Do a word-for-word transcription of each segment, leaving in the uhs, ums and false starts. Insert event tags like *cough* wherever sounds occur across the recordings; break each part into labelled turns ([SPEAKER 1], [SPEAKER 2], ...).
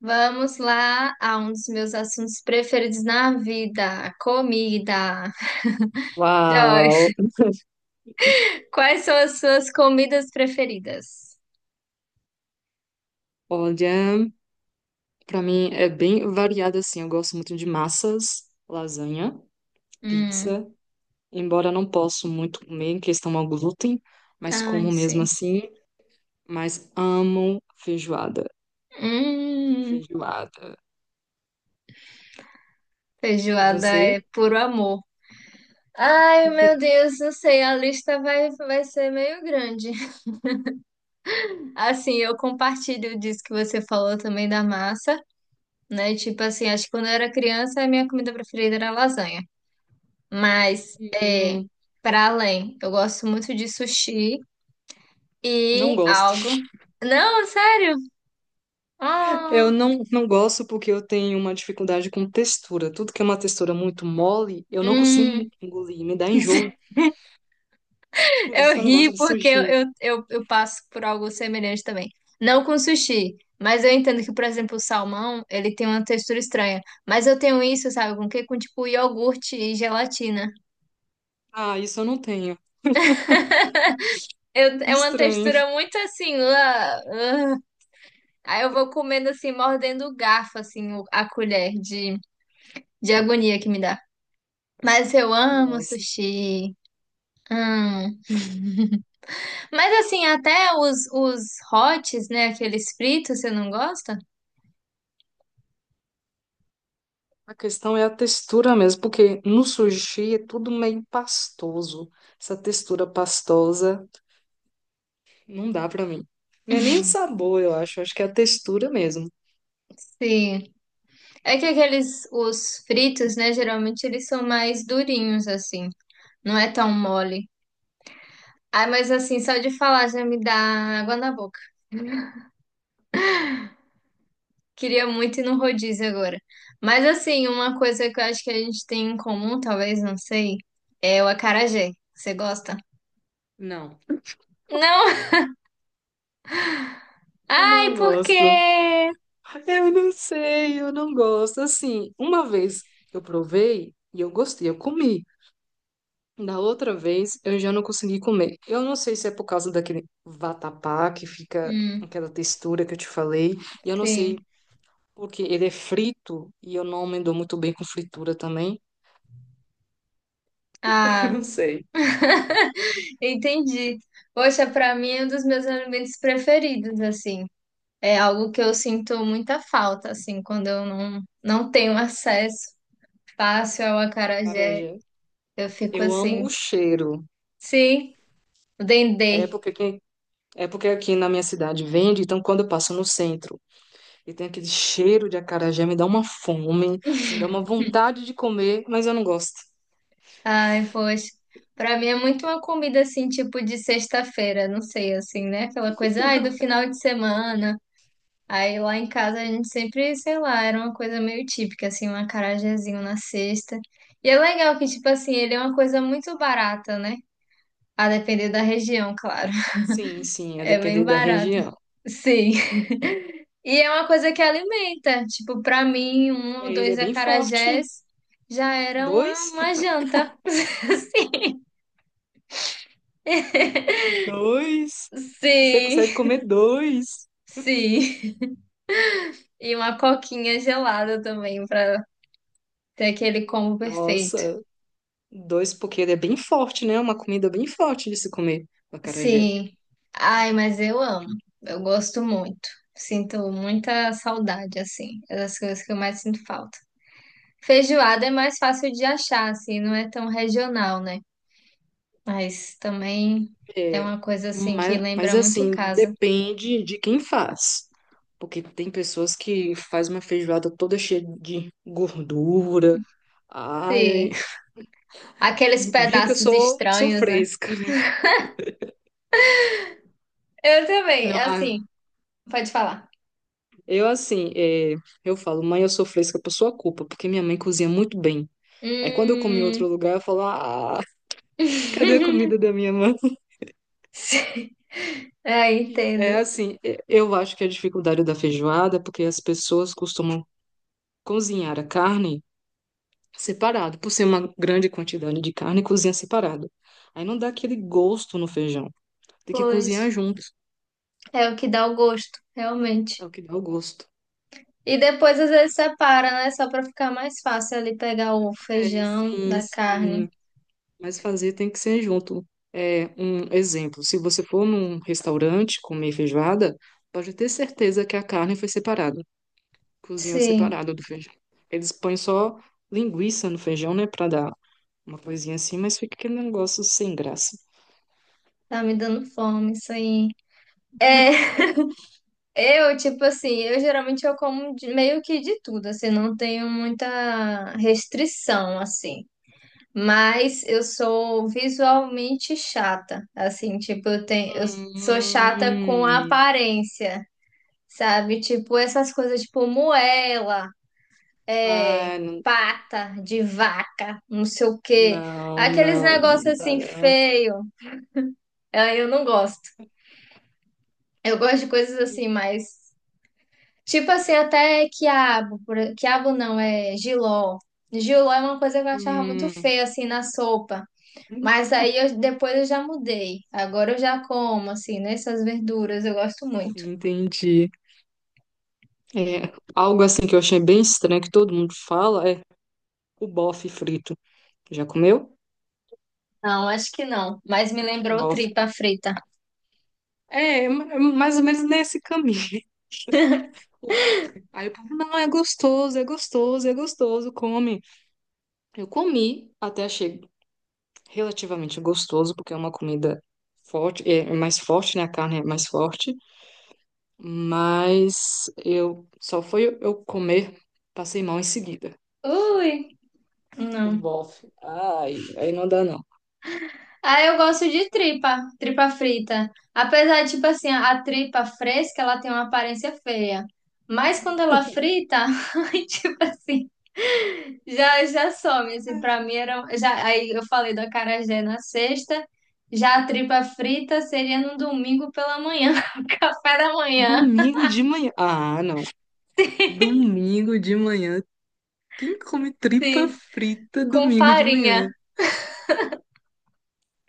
[SPEAKER 1] Vamos lá a um dos meus assuntos preferidos na vida, comida.
[SPEAKER 2] Uau!
[SPEAKER 1] Joyce, *laughs* quais são as suas comidas preferidas?
[SPEAKER 2] Olha, pra mim é bem variado assim. Eu gosto muito de massas, lasanha,
[SPEAKER 1] Hum,
[SPEAKER 2] pizza, embora não posso muito comer em questão ao glúten, mas
[SPEAKER 1] ai,
[SPEAKER 2] como mesmo
[SPEAKER 1] sim.
[SPEAKER 2] assim, mas amo feijoada.
[SPEAKER 1] Hum,
[SPEAKER 2] Feijoada. E
[SPEAKER 1] feijoada é
[SPEAKER 2] você?
[SPEAKER 1] puro amor. Ai, meu
[SPEAKER 2] *laughs*
[SPEAKER 1] Deus, não sei, a lista vai, vai ser meio grande. *laughs* Assim, eu compartilho disso que você falou também da massa, né? Tipo assim, acho que quando eu era criança, a minha comida preferida era lasanha. Mas é
[SPEAKER 2] Hum,
[SPEAKER 1] para além. Eu gosto muito de sushi
[SPEAKER 2] não
[SPEAKER 1] e
[SPEAKER 2] gosto.
[SPEAKER 1] algo. Não, sério?
[SPEAKER 2] Eu
[SPEAKER 1] Ah,
[SPEAKER 2] não, não gosto porque eu tenho uma dificuldade com textura. Tudo que é uma textura muito mole, eu não
[SPEAKER 1] hum.
[SPEAKER 2] consigo engolir, me dá enjoo.
[SPEAKER 1] *laughs*
[SPEAKER 2] Por
[SPEAKER 1] Eu
[SPEAKER 2] isso que eu não
[SPEAKER 1] ri
[SPEAKER 2] gosto de
[SPEAKER 1] porque eu,
[SPEAKER 2] sushi.
[SPEAKER 1] eu, eu, eu passo por algo semelhante também. Não com sushi, mas eu entendo que, por exemplo, o salmão, ele tem uma textura estranha. Mas eu tenho isso, sabe, com o quê? Com tipo iogurte e gelatina.
[SPEAKER 2] Ah, isso eu não tenho.
[SPEAKER 1] Eu- é uma
[SPEAKER 2] Estranho.
[SPEAKER 1] textura muito assim. Ah, ah. Aí eu vou comendo assim, mordendo o garfo, assim, o- a colher de de agonia que me dá. Mas eu amo
[SPEAKER 2] Nossa.
[SPEAKER 1] sushi. Hum. Mas assim, até os, os hots, né? Aqueles fritos, você não gosta?
[SPEAKER 2] A questão é a textura mesmo, porque no sushi é tudo meio pastoso. Essa textura pastosa não dá pra mim. Não é nem o sabor, eu acho. Acho que é a textura mesmo.
[SPEAKER 1] Sim. É que aqueles, os fritos, né? Geralmente eles são mais durinhos, assim. Não é tão mole. Ah, mas assim, só de falar já me dá água na boca. Queria muito ir no rodízio agora. Mas assim, uma coisa que eu acho que a gente tem em comum, talvez, não sei, é o acarajé. Você gosta?
[SPEAKER 2] Não.
[SPEAKER 1] Não! *laughs*
[SPEAKER 2] Eu
[SPEAKER 1] Ai,
[SPEAKER 2] não
[SPEAKER 1] por
[SPEAKER 2] gosto.
[SPEAKER 1] quê?
[SPEAKER 2] Eu não sei, eu não gosto. Assim, uma vez eu provei e eu gostei, eu comi. Da outra vez eu já não consegui comer. Eu não sei se é por causa daquele vatapá que fica
[SPEAKER 1] Hum.
[SPEAKER 2] aquela textura que eu te falei. E eu não sei.
[SPEAKER 1] Sim.
[SPEAKER 2] Porque ele é frito e eu não me dou muito bem com fritura também. *laughs* Eu não
[SPEAKER 1] Ah,
[SPEAKER 2] sei.
[SPEAKER 1] entendi. Poxa, pra mim é um dos meus alimentos preferidos, assim. É algo que eu sinto muita falta, assim, quando eu não, não tenho acesso fácil ao acarajé.
[SPEAKER 2] Acarajé.
[SPEAKER 1] Eu fico
[SPEAKER 2] Eu
[SPEAKER 1] assim,
[SPEAKER 2] amo o cheiro.
[SPEAKER 1] sim, o dendê.
[SPEAKER 2] É porque, quem- é porque aqui na minha cidade vende, então quando eu passo no centro e tem aquele cheiro de acarajé, me dá uma fome, me dá uma
[SPEAKER 1] *laughs*
[SPEAKER 2] vontade de comer, mas eu não gosto.
[SPEAKER 1] Ai, poxa. Pra mim é muito uma comida, assim, tipo de sexta-feira, não sei, assim, né? Aquela coisa, ai, do
[SPEAKER 2] *laughs*
[SPEAKER 1] final de semana. Aí lá em casa a gente sempre, sei lá, era uma coisa meio típica, assim, um acarajézinho na cesta. E é legal que, tipo assim, ele é uma coisa muito barata, né? A depender da região, claro.
[SPEAKER 2] Sim,
[SPEAKER 1] *laughs*
[SPEAKER 2] sim, a
[SPEAKER 1] É bem
[SPEAKER 2] depender da
[SPEAKER 1] barata.
[SPEAKER 2] região.
[SPEAKER 1] Sim. *laughs* E é uma coisa que alimenta. Tipo, pra mim, um ou
[SPEAKER 2] Ele é
[SPEAKER 1] dois
[SPEAKER 2] bem forte.
[SPEAKER 1] acarajés já era uma,
[SPEAKER 2] Dois?
[SPEAKER 1] uma
[SPEAKER 2] *laughs*
[SPEAKER 1] janta.
[SPEAKER 2] Dois. Você
[SPEAKER 1] Sim,
[SPEAKER 2] consegue comer dois.
[SPEAKER 1] *laughs* sim. E uma coquinha gelada também, pra ter aquele combo perfeito.
[SPEAKER 2] Nossa. Dois, porque ele é bem forte, né? É uma comida bem forte de se comer, o acarajé.
[SPEAKER 1] Sim. Ai, mas eu amo. Eu gosto muito. Sinto muita saudade, assim. É das coisas que eu mais sinto falta. Feijoada é mais fácil de achar, assim, não é tão regional, né? Mas também é
[SPEAKER 2] É,
[SPEAKER 1] uma coisa, assim, que
[SPEAKER 2] mas, mas
[SPEAKER 1] lembra muito
[SPEAKER 2] assim,
[SPEAKER 1] casa.
[SPEAKER 2] depende de quem faz. Porque tem pessoas que faz uma feijoada toda cheia de gordura. Ai,
[SPEAKER 1] Sim.
[SPEAKER 2] *laughs*
[SPEAKER 1] Aqueles
[SPEAKER 2] viu que eu
[SPEAKER 1] pedaços
[SPEAKER 2] sou, sou
[SPEAKER 1] estranhos, né?
[SPEAKER 2] fresca, né?
[SPEAKER 1] Eu também,
[SPEAKER 2] Não,
[SPEAKER 1] é
[SPEAKER 2] ah,
[SPEAKER 1] assim, pode falar.
[SPEAKER 2] eu assim, é, eu falo, mãe, eu sou fresca por sua culpa, porque minha mãe cozinha muito bem. Aí quando eu comi em
[SPEAKER 1] Hum.
[SPEAKER 2] outro lugar, eu falo, ah, *laughs* cadê a
[SPEAKER 1] *laughs*
[SPEAKER 2] comida da minha mãe?
[SPEAKER 1] Sim. É, entendo.
[SPEAKER 2] É assim, e- eu acho que a dificuldade da feijoada é porque as pessoas costumam cozinhar a carne separado, por ser uma grande quantidade de carne, cozinha separado. Aí não dá aquele gosto no feijão. Tem que
[SPEAKER 1] Pois,
[SPEAKER 2] cozinhar junto,
[SPEAKER 1] é o que dá o gosto, realmente.
[SPEAKER 2] é o que dá o gosto.
[SPEAKER 1] E depois às vezes separa, né? Só pra ficar mais fácil ali pegar o
[SPEAKER 2] É,
[SPEAKER 1] feijão
[SPEAKER 2] sim,
[SPEAKER 1] da carne.
[SPEAKER 2] sim, mas fazer tem que ser junto. É um exemplo, se você for num restaurante comer feijoada, pode ter certeza que a carne foi separada, cozinha
[SPEAKER 1] Sim,
[SPEAKER 2] separada do feijão. Eles põem só linguiça no feijão, né, para dar uma coisinha assim, mas fica aquele negócio sem graça.
[SPEAKER 1] tá me dando fome isso aí. É, *laughs* eu, tipo assim, eu geralmente eu como de- meio que de tudo, assim, não tenho muita restrição, assim. Mas eu sou visualmente chata, assim, tipo, eu tenho, eu sou chata com a
[SPEAKER 2] Hum,
[SPEAKER 1] aparência, sabe? Tipo, essas coisas, tipo, moela. É,
[SPEAKER 2] ah, não,
[SPEAKER 1] pata de vaca, não sei o quê.
[SPEAKER 2] não,
[SPEAKER 1] Aqueles
[SPEAKER 2] não,
[SPEAKER 1] negócios
[SPEAKER 2] não
[SPEAKER 1] assim
[SPEAKER 2] dá.
[SPEAKER 1] feio. Ah, eu não gosto. Eu gosto de coisas assim, mais tipo assim, até quiabo, por... quiabo não, é jiló. Jiló é uma coisa que eu achava muito
[SPEAKER 2] Hum,
[SPEAKER 1] feia assim na sopa. Mas aí eu- depois eu já mudei. Agora eu já como assim, né? Essas verduras, eu gosto muito.
[SPEAKER 2] entendi. É, algo assim que eu achei bem estranho que todo mundo fala é o bofe frito. Já comeu?
[SPEAKER 1] Não, acho que não. Mas me lembrou tripa
[SPEAKER 2] Bofe.
[SPEAKER 1] frita.
[SPEAKER 2] É, ma- mais ou menos nesse caminho. *laughs* O bofe. Aí o povo, não, é gostoso, é gostoso, é gostoso, come. Eu comi até achei relativamente gostoso, porque é uma comida forte, é é mais forte, né? A carne é mais forte, mas eu só foi eu comer, passei mal em seguida.
[SPEAKER 1] Ui, não.
[SPEAKER 2] Bof, ai, aí não dá não.
[SPEAKER 1] Ah, eu gosto de tripa, tripa frita. Apesar de, tipo assim, a tripa fresca, ela tem uma aparência feia. Mas quando ela frita, *laughs* ai, tipo assim, já, já some, assim, pra mim era... um, já, aí eu falei do acarajé na sexta, já a tripa frita seria no domingo pela manhã, *laughs* café da manhã,
[SPEAKER 2] Domingo de manhã. Ah, não. Domingo de manhã. Quem come tripa
[SPEAKER 1] assim,
[SPEAKER 2] frita
[SPEAKER 1] com
[SPEAKER 2] domingo de
[SPEAKER 1] farinha.
[SPEAKER 2] manhã?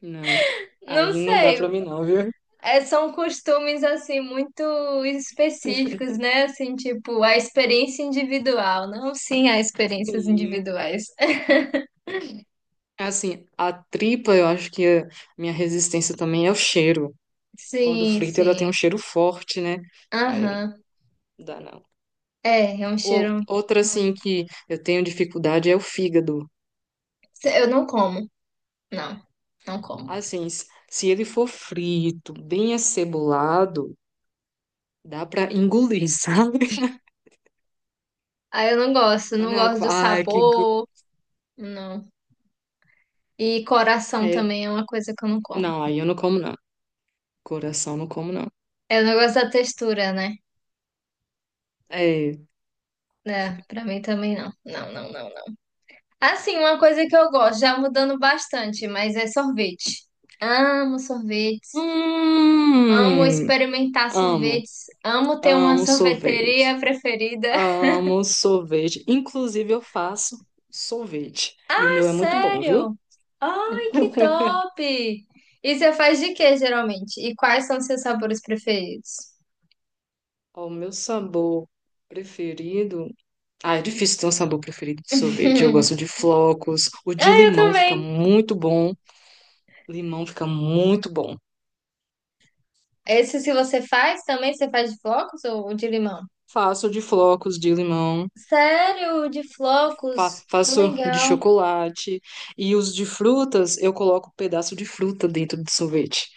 [SPEAKER 2] Não.
[SPEAKER 1] Não
[SPEAKER 2] Aí não dá
[SPEAKER 1] sei,
[SPEAKER 2] pra mim não, viu?
[SPEAKER 1] é, são costumes assim muito específicos,
[SPEAKER 2] *laughs*
[SPEAKER 1] né? Assim, tipo, a experiência individual, não sim há experiências
[SPEAKER 2] Sim.
[SPEAKER 1] individuais. *laughs*
[SPEAKER 2] Assim, a tripa, eu acho que a minha resistência também é o cheiro. Quando
[SPEAKER 1] Sim,
[SPEAKER 2] frita, ela tem um
[SPEAKER 1] sim.
[SPEAKER 2] cheiro forte, né? Aí
[SPEAKER 1] Aham.
[SPEAKER 2] não dá não.
[SPEAKER 1] É, é um
[SPEAKER 2] Ou-
[SPEAKER 1] cheiro
[SPEAKER 2] Outra, assim,
[SPEAKER 1] muito.
[SPEAKER 2] que eu tenho dificuldade é o fígado.
[SPEAKER 1] Eu não como, não, não como.
[SPEAKER 2] Assim, s- se ele for frito, bem acebolado, dá pra engolir, *laughs* sabe?
[SPEAKER 1] Ah, eu não gosto,
[SPEAKER 2] Mas
[SPEAKER 1] não
[SPEAKER 2] não é algo que
[SPEAKER 1] gosto do
[SPEAKER 2] fala, ai, que... go-"
[SPEAKER 1] sabor, não. E coração
[SPEAKER 2] É,
[SPEAKER 1] também é uma coisa que eu não como.
[SPEAKER 2] não, aí eu não como, não. Coração, não como, não.
[SPEAKER 1] Eu não gosto da textura, né?
[SPEAKER 2] É...
[SPEAKER 1] É, pra mim também não. Não, não, não. Assim, uma coisa que eu gosto, já mudando bastante, mas é sorvete. Amo sorvetes, amo
[SPEAKER 2] Hum,
[SPEAKER 1] experimentar
[SPEAKER 2] amo,
[SPEAKER 1] sorvetes, amo ter uma
[SPEAKER 2] amo
[SPEAKER 1] sorveteria
[SPEAKER 2] sorvete.
[SPEAKER 1] preferida. *laughs*
[SPEAKER 2] Amo sorvete. Inclusive, eu faço sorvete. E o
[SPEAKER 1] Ah,
[SPEAKER 2] meu é muito bom, viu?
[SPEAKER 1] sério? Ai, que
[SPEAKER 2] *laughs*
[SPEAKER 1] top! E você faz de quê, geralmente? E quais são seus sabores preferidos?
[SPEAKER 2] Ó, o meu sabor preferido. Ah, é difícil ter um sabor preferido de sorvete. Eu gosto
[SPEAKER 1] *laughs*
[SPEAKER 2] de flocos. O de
[SPEAKER 1] Ah, eu
[SPEAKER 2] limão fica
[SPEAKER 1] também.
[SPEAKER 2] muito bom. Limão fica muito bom.
[SPEAKER 1] Esse se você faz também, você faz de flocos ou de limão?
[SPEAKER 2] Faço de flocos de limão.
[SPEAKER 1] Sério, de flocos?
[SPEAKER 2] Fa-
[SPEAKER 1] Que
[SPEAKER 2] faço de
[SPEAKER 1] legal.
[SPEAKER 2] chocolate. E os de frutas, eu coloco um pedaço de fruta dentro do sorvete.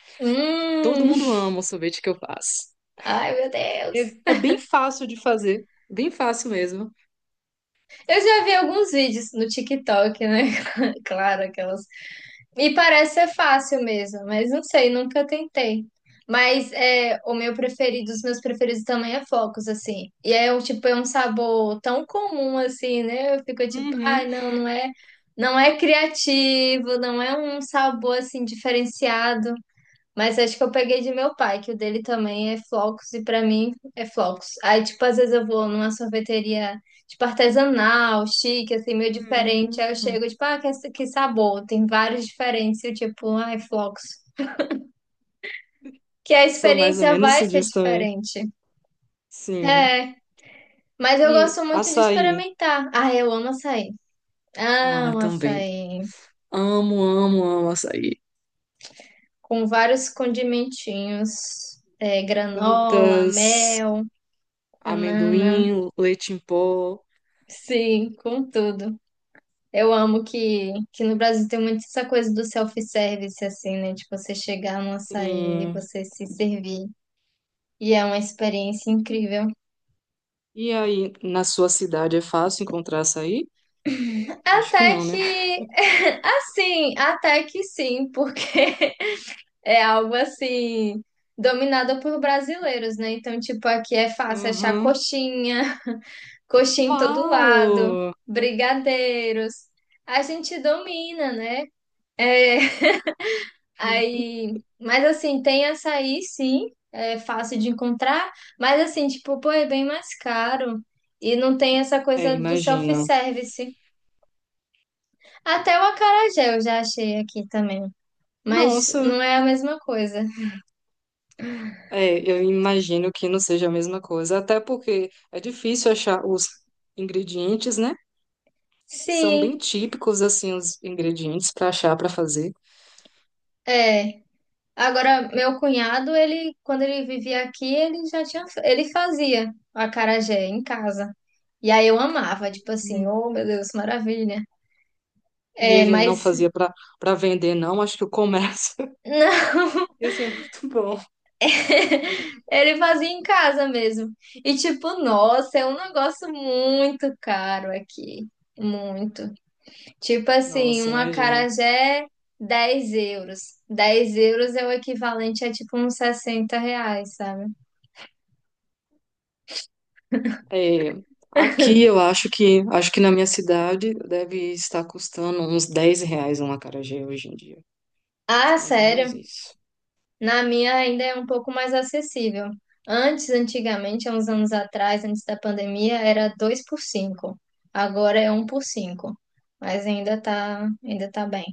[SPEAKER 2] Todo
[SPEAKER 1] Hum,
[SPEAKER 2] mundo
[SPEAKER 1] *laughs*
[SPEAKER 2] ama o sorvete que eu faço.
[SPEAKER 1] ai meu
[SPEAKER 2] É,
[SPEAKER 1] Deus.
[SPEAKER 2] é bem fácil de fazer. Bem fácil mesmo.
[SPEAKER 1] Eu já vi alguns vídeos no TikTok, né? *laughs* Claro, aquelas. Me parece ser fácil mesmo, mas não sei, nunca tentei. Mas é, o meu preferido, os meus preferidos também é Focos, assim. E é um tipo, é um sabor tão comum assim, né? Eu fico tipo, ai,
[SPEAKER 2] Uhum.
[SPEAKER 1] não, não é, não é criativo, não é um sabor assim diferenciado. Mas acho que eu peguei de meu pai, que o dele também é flocos, e pra mim é flocos. Aí, tipo, às vezes eu vou numa sorveteria, tipo, artesanal, chique, assim, meio diferente. Aí eu
[SPEAKER 2] Hum.
[SPEAKER 1] chego, tipo, ah, que, que sabor, tem vários diferentes, e eu, tipo, ai, flocos. Que a
[SPEAKER 2] Sou mais ou
[SPEAKER 1] experiência
[SPEAKER 2] menos
[SPEAKER 1] vai ser
[SPEAKER 2] disso também.
[SPEAKER 1] diferente.
[SPEAKER 2] Sim.
[SPEAKER 1] É, mas eu
[SPEAKER 2] E
[SPEAKER 1] gosto muito de
[SPEAKER 2] açaí.
[SPEAKER 1] experimentar. Ah, eu amo açaí.
[SPEAKER 2] Ah,
[SPEAKER 1] Amo
[SPEAKER 2] também.
[SPEAKER 1] açaí.
[SPEAKER 2] Amo, amo, amo açaí.
[SPEAKER 1] Com vários condimentinhos, é, granola,
[SPEAKER 2] Frutas,
[SPEAKER 1] mel, banana.
[SPEAKER 2] amendoim, leite em pó.
[SPEAKER 1] Sim, com tudo. Eu amo que, que no Brasil tem muito essa coisa do self-service, assim, né? Tipo, você chegar no açaí e
[SPEAKER 2] Sim.
[SPEAKER 1] você se servir. E é uma experiência incrível.
[SPEAKER 2] E aí, na sua cidade é fácil encontrar açaí? Acho que
[SPEAKER 1] Até
[SPEAKER 2] não, né?
[SPEAKER 1] que, *laughs* assim, até que sim, porque *laughs* é algo assim, dominado por brasileiros, né? Então, tipo, aqui é fácil achar
[SPEAKER 2] Uhum.
[SPEAKER 1] coxinha, *laughs* coxinha em todo lado,
[SPEAKER 2] Uau!
[SPEAKER 1] brigadeiros. A gente domina, né? É, aí, mas assim, tem açaí, sim, é fácil de encontrar, mas assim, tipo, pô, é bem mais caro e não tem essa
[SPEAKER 2] É,
[SPEAKER 1] coisa do
[SPEAKER 2] imagina.
[SPEAKER 1] self-service. Até o acarajé eu já achei aqui também, mas
[SPEAKER 2] Nossa,
[SPEAKER 1] não é a mesma coisa.
[SPEAKER 2] é, eu imagino que não seja a mesma coisa, até porque é difícil achar os ingredientes, né? São bem
[SPEAKER 1] Sim,
[SPEAKER 2] típicos, assim, os ingredientes para achar, para fazer.
[SPEAKER 1] é. Agora, meu cunhado, ele, quando ele vivia aqui, ele já tinha, ele fazia o acarajé em casa. E aí eu amava, tipo assim, oh meu Deus, maravilha.
[SPEAKER 2] E
[SPEAKER 1] É,
[SPEAKER 2] ele não
[SPEAKER 1] mas
[SPEAKER 2] fazia para para vender, não. Acho que o comércio *laughs*
[SPEAKER 1] *laughs* não.
[SPEAKER 2] ia ser muito bom.
[SPEAKER 1] *laughs* Ele fazia em casa mesmo. E tipo, nossa, é um negócio muito caro aqui. Muito. Tipo assim,
[SPEAKER 2] Nossa,
[SPEAKER 1] um
[SPEAKER 2] imagina.
[SPEAKER 1] acarajé, dez euros. Dez euros é o equivalente a tipo uns sessenta reais, sabe?
[SPEAKER 2] É, aqui eu acho que acho que na minha cidade deve estar custando uns dez reais um acarajé hoje em dia.
[SPEAKER 1] Ah,
[SPEAKER 2] É mais ou menos
[SPEAKER 1] sério?
[SPEAKER 2] isso.
[SPEAKER 1] Na minha ainda é um pouco mais acessível. Antes, antigamente, há uns anos atrás, antes da pandemia, era dois por cinco. Agora é um por cinco. Mas ainda tá, ainda tá bem.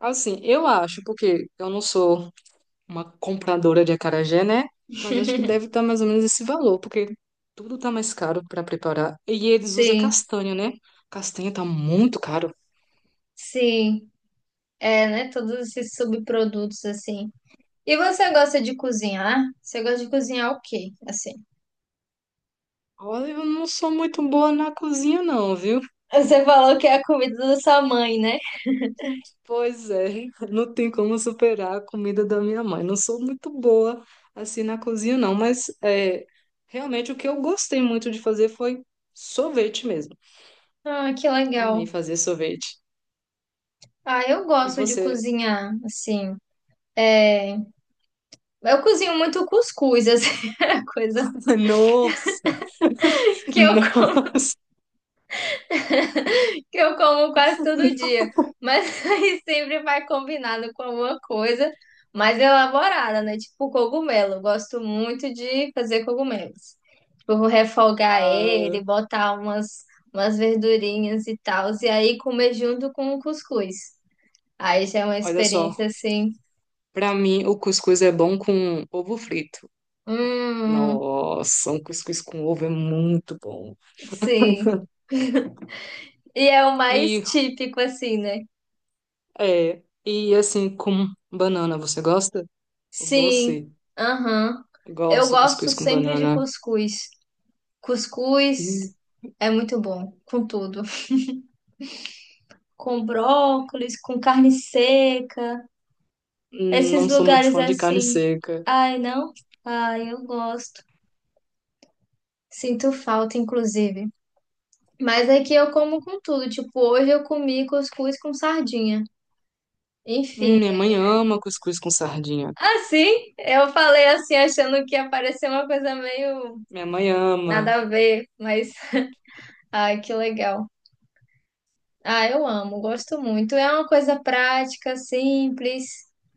[SPEAKER 2] Assim, eu acho, porque eu não sou uma compradora de acarajé, né? Mas acho que deve estar mais ou menos esse valor, porque tudo tá mais caro para preparar. E eles usam
[SPEAKER 1] Sim,
[SPEAKER 2] castanha, né? Castanha tá muito caro.
[SPEAKER 1] sim. É, né? Todos esses subprodutos, assim. E você gosta de cozinhar? Você gosta de cozinhar o quê, assim?
[SPEAKER 2] Olha, eu não sou muito boa na cozinha, não, viu?
[SPEAKER 1] Você falou que é a comida da sua mãe, né?
[SPEAKER 2] Pois é, *laughs* não tem como superar a comida da minha mãe. Não sou muito boa assim na cozinha, não, mas é, realmente o que eu gostei muito de fazer foi sorvete mesmo.
[SPEAKER 1] Ah, que legal.
[SPEAKER 2] Amei fazer sorvete.
[SPEAKER 1] Ah, eu
[SPEAKER 2] E
[SPEAKER 1] gosto de
[SPEAKER 2] você?
[SPEAKER 1] cozinhar, assim. É... Eu cozinho muito cuscuz, assim. *laughs* É a coisa
[SPEAKER 2] *laughs* Nossa! *laughs*
[SPEAKER 1] que eu
[SPEAKER 2] Nossa!
[SPEAKER 1] *laughs* que eu como quase todo dia. Mas *laughs* aí sempre vai combinado com alguma coisa mais elaborada, né? Tipo cogumelo. Eu gosto muito de fazer cogumelos. Tipo, refogar
[SPEAKER 2] Ah,
[SPEAKER 1] ele, botar umas, umas verdurinhas e tal, e aí comer junto com o cuscuz. Aí já é uma
[SPEAKER 2] olha só,
[SPEAKER 1] experiência assim.
[SPEAKER 2] pra mim o cuscuz é bom com ovo frito.
[SPEAKER 1] Hum,
[SPEAKER 2] Nossa, um cuscuz com ovo é muito bom.
[SPEAKER 1] sim.
[SPEAKER 2] *laughs*
[SPEAKER 1] E é o mais
[SPEAKER 2] E,
[SPEAKER 1] típico, assim, né?
[SPEAKER 2] é, e assim, com banana, você gosta? O
[SPEAKER 1] Sim.
[SPEAKER 2] doce,
[SPEAKER 1] Aham. Eu
[SPEAKER 2] gosto de
[SPEAKER 1] gosto
[SPEAKER 2] cuscuz com
[SPEAKER 1] sempre de
[SPEAKER 2] banana.
[SPEAKER 1] cuscuz. Cuscuz
[SPEAKER 2] Hum,
[SPEAKER 1] é muito bom, com tudo. Com brócolis, com carne seca, esses
[SPEAKER 2] Não sou muito
[SPEAKER 1] lugares
[SPEAKER 2] fã de carne
[SPEAKER 1] assim.
[SPEAKER 2] seca.
[SPEAKER 1] Ai, não? Ai, eu gosto. Sinto falta, inclusive. Mas aqui eu como com tudo. Tipo, hoje eu comi cuscuz com sardinha.
[SPEAKER 2] Hum,
[SPEAKER 1] Enfim.
[SPEAKER 2] minha mãe ama cuscuz com sardinha.
[SPEAKER 1] Assim, eu falei assim, achando que ia parecer uma coisa meio
[SPEAKER 2] Minha mãe ama.
[SPEAKER 1] nada a ver, mas ai, que legal. Ah, eu amo, gosto muito. É uma coisa prática, simples,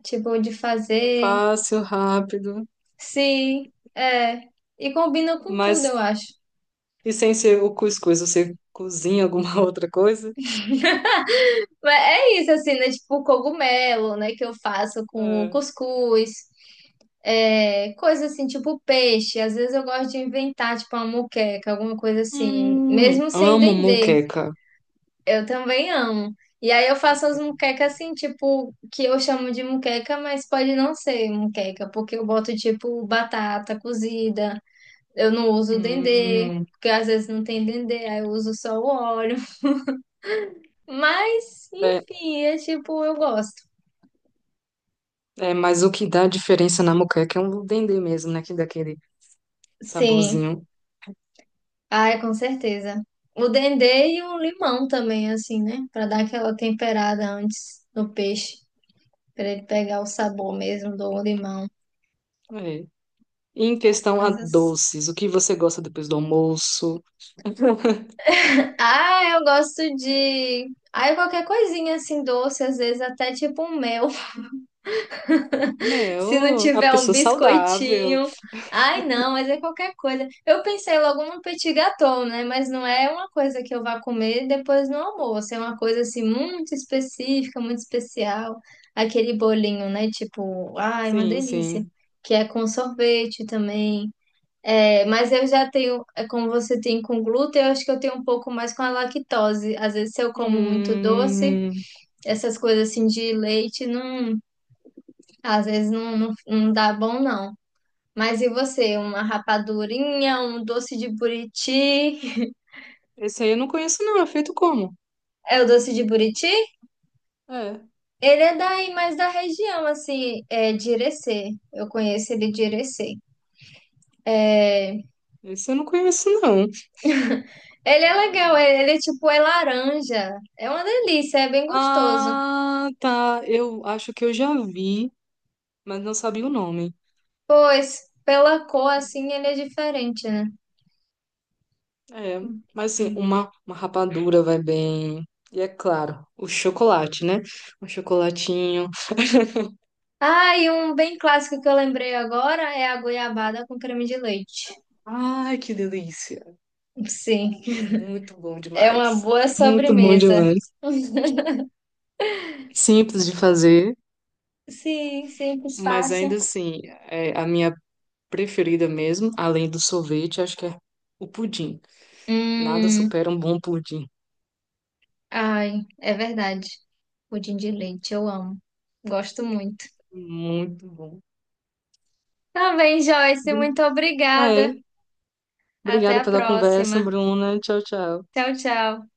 [SPEAKER 1] tipo, de
[SPEAKER 2] É
[SPEAKER 1] fazer.
[SPEAKER 2] fácil, rápido.
[SPEAKER 1] Sim, é. E combina com tudo, eu
[SPEAKER 2] Mas,
[SPEAKER 1] acho.
[SPEAKER 2] e sem ser o cuscuz, você cozinha alguma *laughs* outra coisa?
[SPEAKER 1] Mas é isso, assim, né? Tipo, cogumelo, né? Que eu faço com
[SPEAKER 2] É.
[SPEAKER 1] cuscuz. É, coisa assim, tipo peixe. Às vezes eu gosto de inventar, tipo, uma moqueca, alguma coisa assim.
[SPEAKER 2] Hum,
[SPEAKER 1] Mesmo sem
[SPEAKER 2] amo
[SPEAKER 1] dendê.
[SPEAKER 2] moqueca.
[SPEAKER 1] Eu também amo. E aí eu faço as muquecas assim, tipo, que eu chamo de muqueca, mas pode não ser muqueca, porque eu boto tipo batata cozida, eu não uso dendê,
[SPEAKER 2] Hum,
[SPEAKER 1] porque às vezes não tem dendê, aí eu uso só o óleo. Mas,
[SPEAKER 2] é,
[SPEAKER 1] enfim, é tipo, eu gosto.
[SPEAKER 2] é, mas o que dá diferença na moqueca é um dendê mesmo, né? Que dá aquele
[SPEAKER 1] Sim.
[SPEAKER 2] saborzinho.
[SPEAKER 1] Ai, com certeza. O dendê e o limão também, assim, né? Pra dar aquela temperada antes no peixe, pra ele pegar o sabor mesmo do limão.
[SPEAKER 2] É. Em questão a
[SPEAKER 1] Coisas
[SPEAKER 2] doces, o que você gosta depois do almoço? *laughs*
[SPEAKER 1] ah, eu gosto de. Ah, qualquer coisinha assim doce, às vezes até tipo um mel. *laughs* Se não
[SPEAKER 2] Meu, a
[SPEAKER 1] tiver um
[SPEAKER 2] pessoa saudável.
[SPEAKER 1] biscoitinho. Ai, não, mas é qualquer coisa. Eu pensei logo num petit gâteau, né? Mas não é uma coisa que eu vá comer depois no almoço. É uma coisa assim muito específica, muito especial. Aquele bolinho, né? Tipo, ai, uma
[SPEAKER 2] Sim,
[SPEAKER 1] delícia.
[SPEAKER 2] sim.
[SPEAKER 1] Que é com sorvete também. É, mas eu já tenho, é, como você tem com glúten, eu acho que eu tenho um pouco mais com a lactose. Às vezes, se eu como muito doce,
[SPEAKER 2] Hum,
[SPEAKER 1] essas coisas assim de leite, não, às vezes não, não, não dá bom, não. Mas e você? Uma rapadurinha, um doce de buriti?
[SPEAKER 2] esse aí eu não conheço, não. É feito como?
[SPEAKER 1] É o doce de buriti?
[SPEAKER 2] É,
[SPEAKER 1] Ele é daí, mais da região, assim, é de Irecê. Eu conheço ele de Irecê. É,
[SPEAKER 2] esse eu não conheço, não.
[SPEAKER 1] Ele é legal, ele, ele é tipo, é laranja. É uma delícia, é bem gostoso.
[SPEAKER 2] Ah, tá. Eu acho que eu já vi, mas não sabia o nome.
[SPEAKER 1] Pois, pela cor assim ele é diferente, né?
[SPEAKER 2] É, mas assim, uma, uma rapadura vai bem. E é claro, o chocolate, né? Um chocolatinho.
[SPEAKER 1] Ah, e um bem clássico que eu lembrei agora é a goiabada com creme de leite.
[SPEAKER 2] Ai, que delícia.
[SPEAKER 1] Sim,
[SPEAKER 2] Muito bom
[SPEAKER 1] é uma
[SPEAKER 2] demais.
[SPEAKER 1] boa
[SPEAKER 2] Muito bom
[SPEAKER 1] sobremesa.
[SPEAKER 2] demais.
[SPEAKER 1] *laughs*
[SPEAKER 2] Simples de fazer,
[SPEAKER 1] Sim, simples,
[SPEAKER 2] mas
[SPEAKER 1] fácil.
[SPEAKER 2] ainda assim, é a minha preferida mesmo, além do sorvete, acho que é o pudim. Nada
[SPEAKER 1] Hum,
[SPEAKER 2] supera um bom pudim.
[SPEAKER 1] ai, é verdade. Pudim de leite, eu amo. Gosto muito.
[SPEAKER 2] Muito bom.
[SPEAKER 1] Tá bem, Joyce,
[SPEAKER 2] Bru-
[SPEAKER 1] muito obrigada.
[SPEAKER 2] É,
[SPEAKER 1] Até
[SPEAKER 2] obrigada
[SPEAKER 1] a
[SPEAKER 2] pela conversa,
[SPEAKER 1] próxima.
[SPEAKER 2] Bruna. Tchau, tchau.
[SPEAKER 1] Tchau, tchau.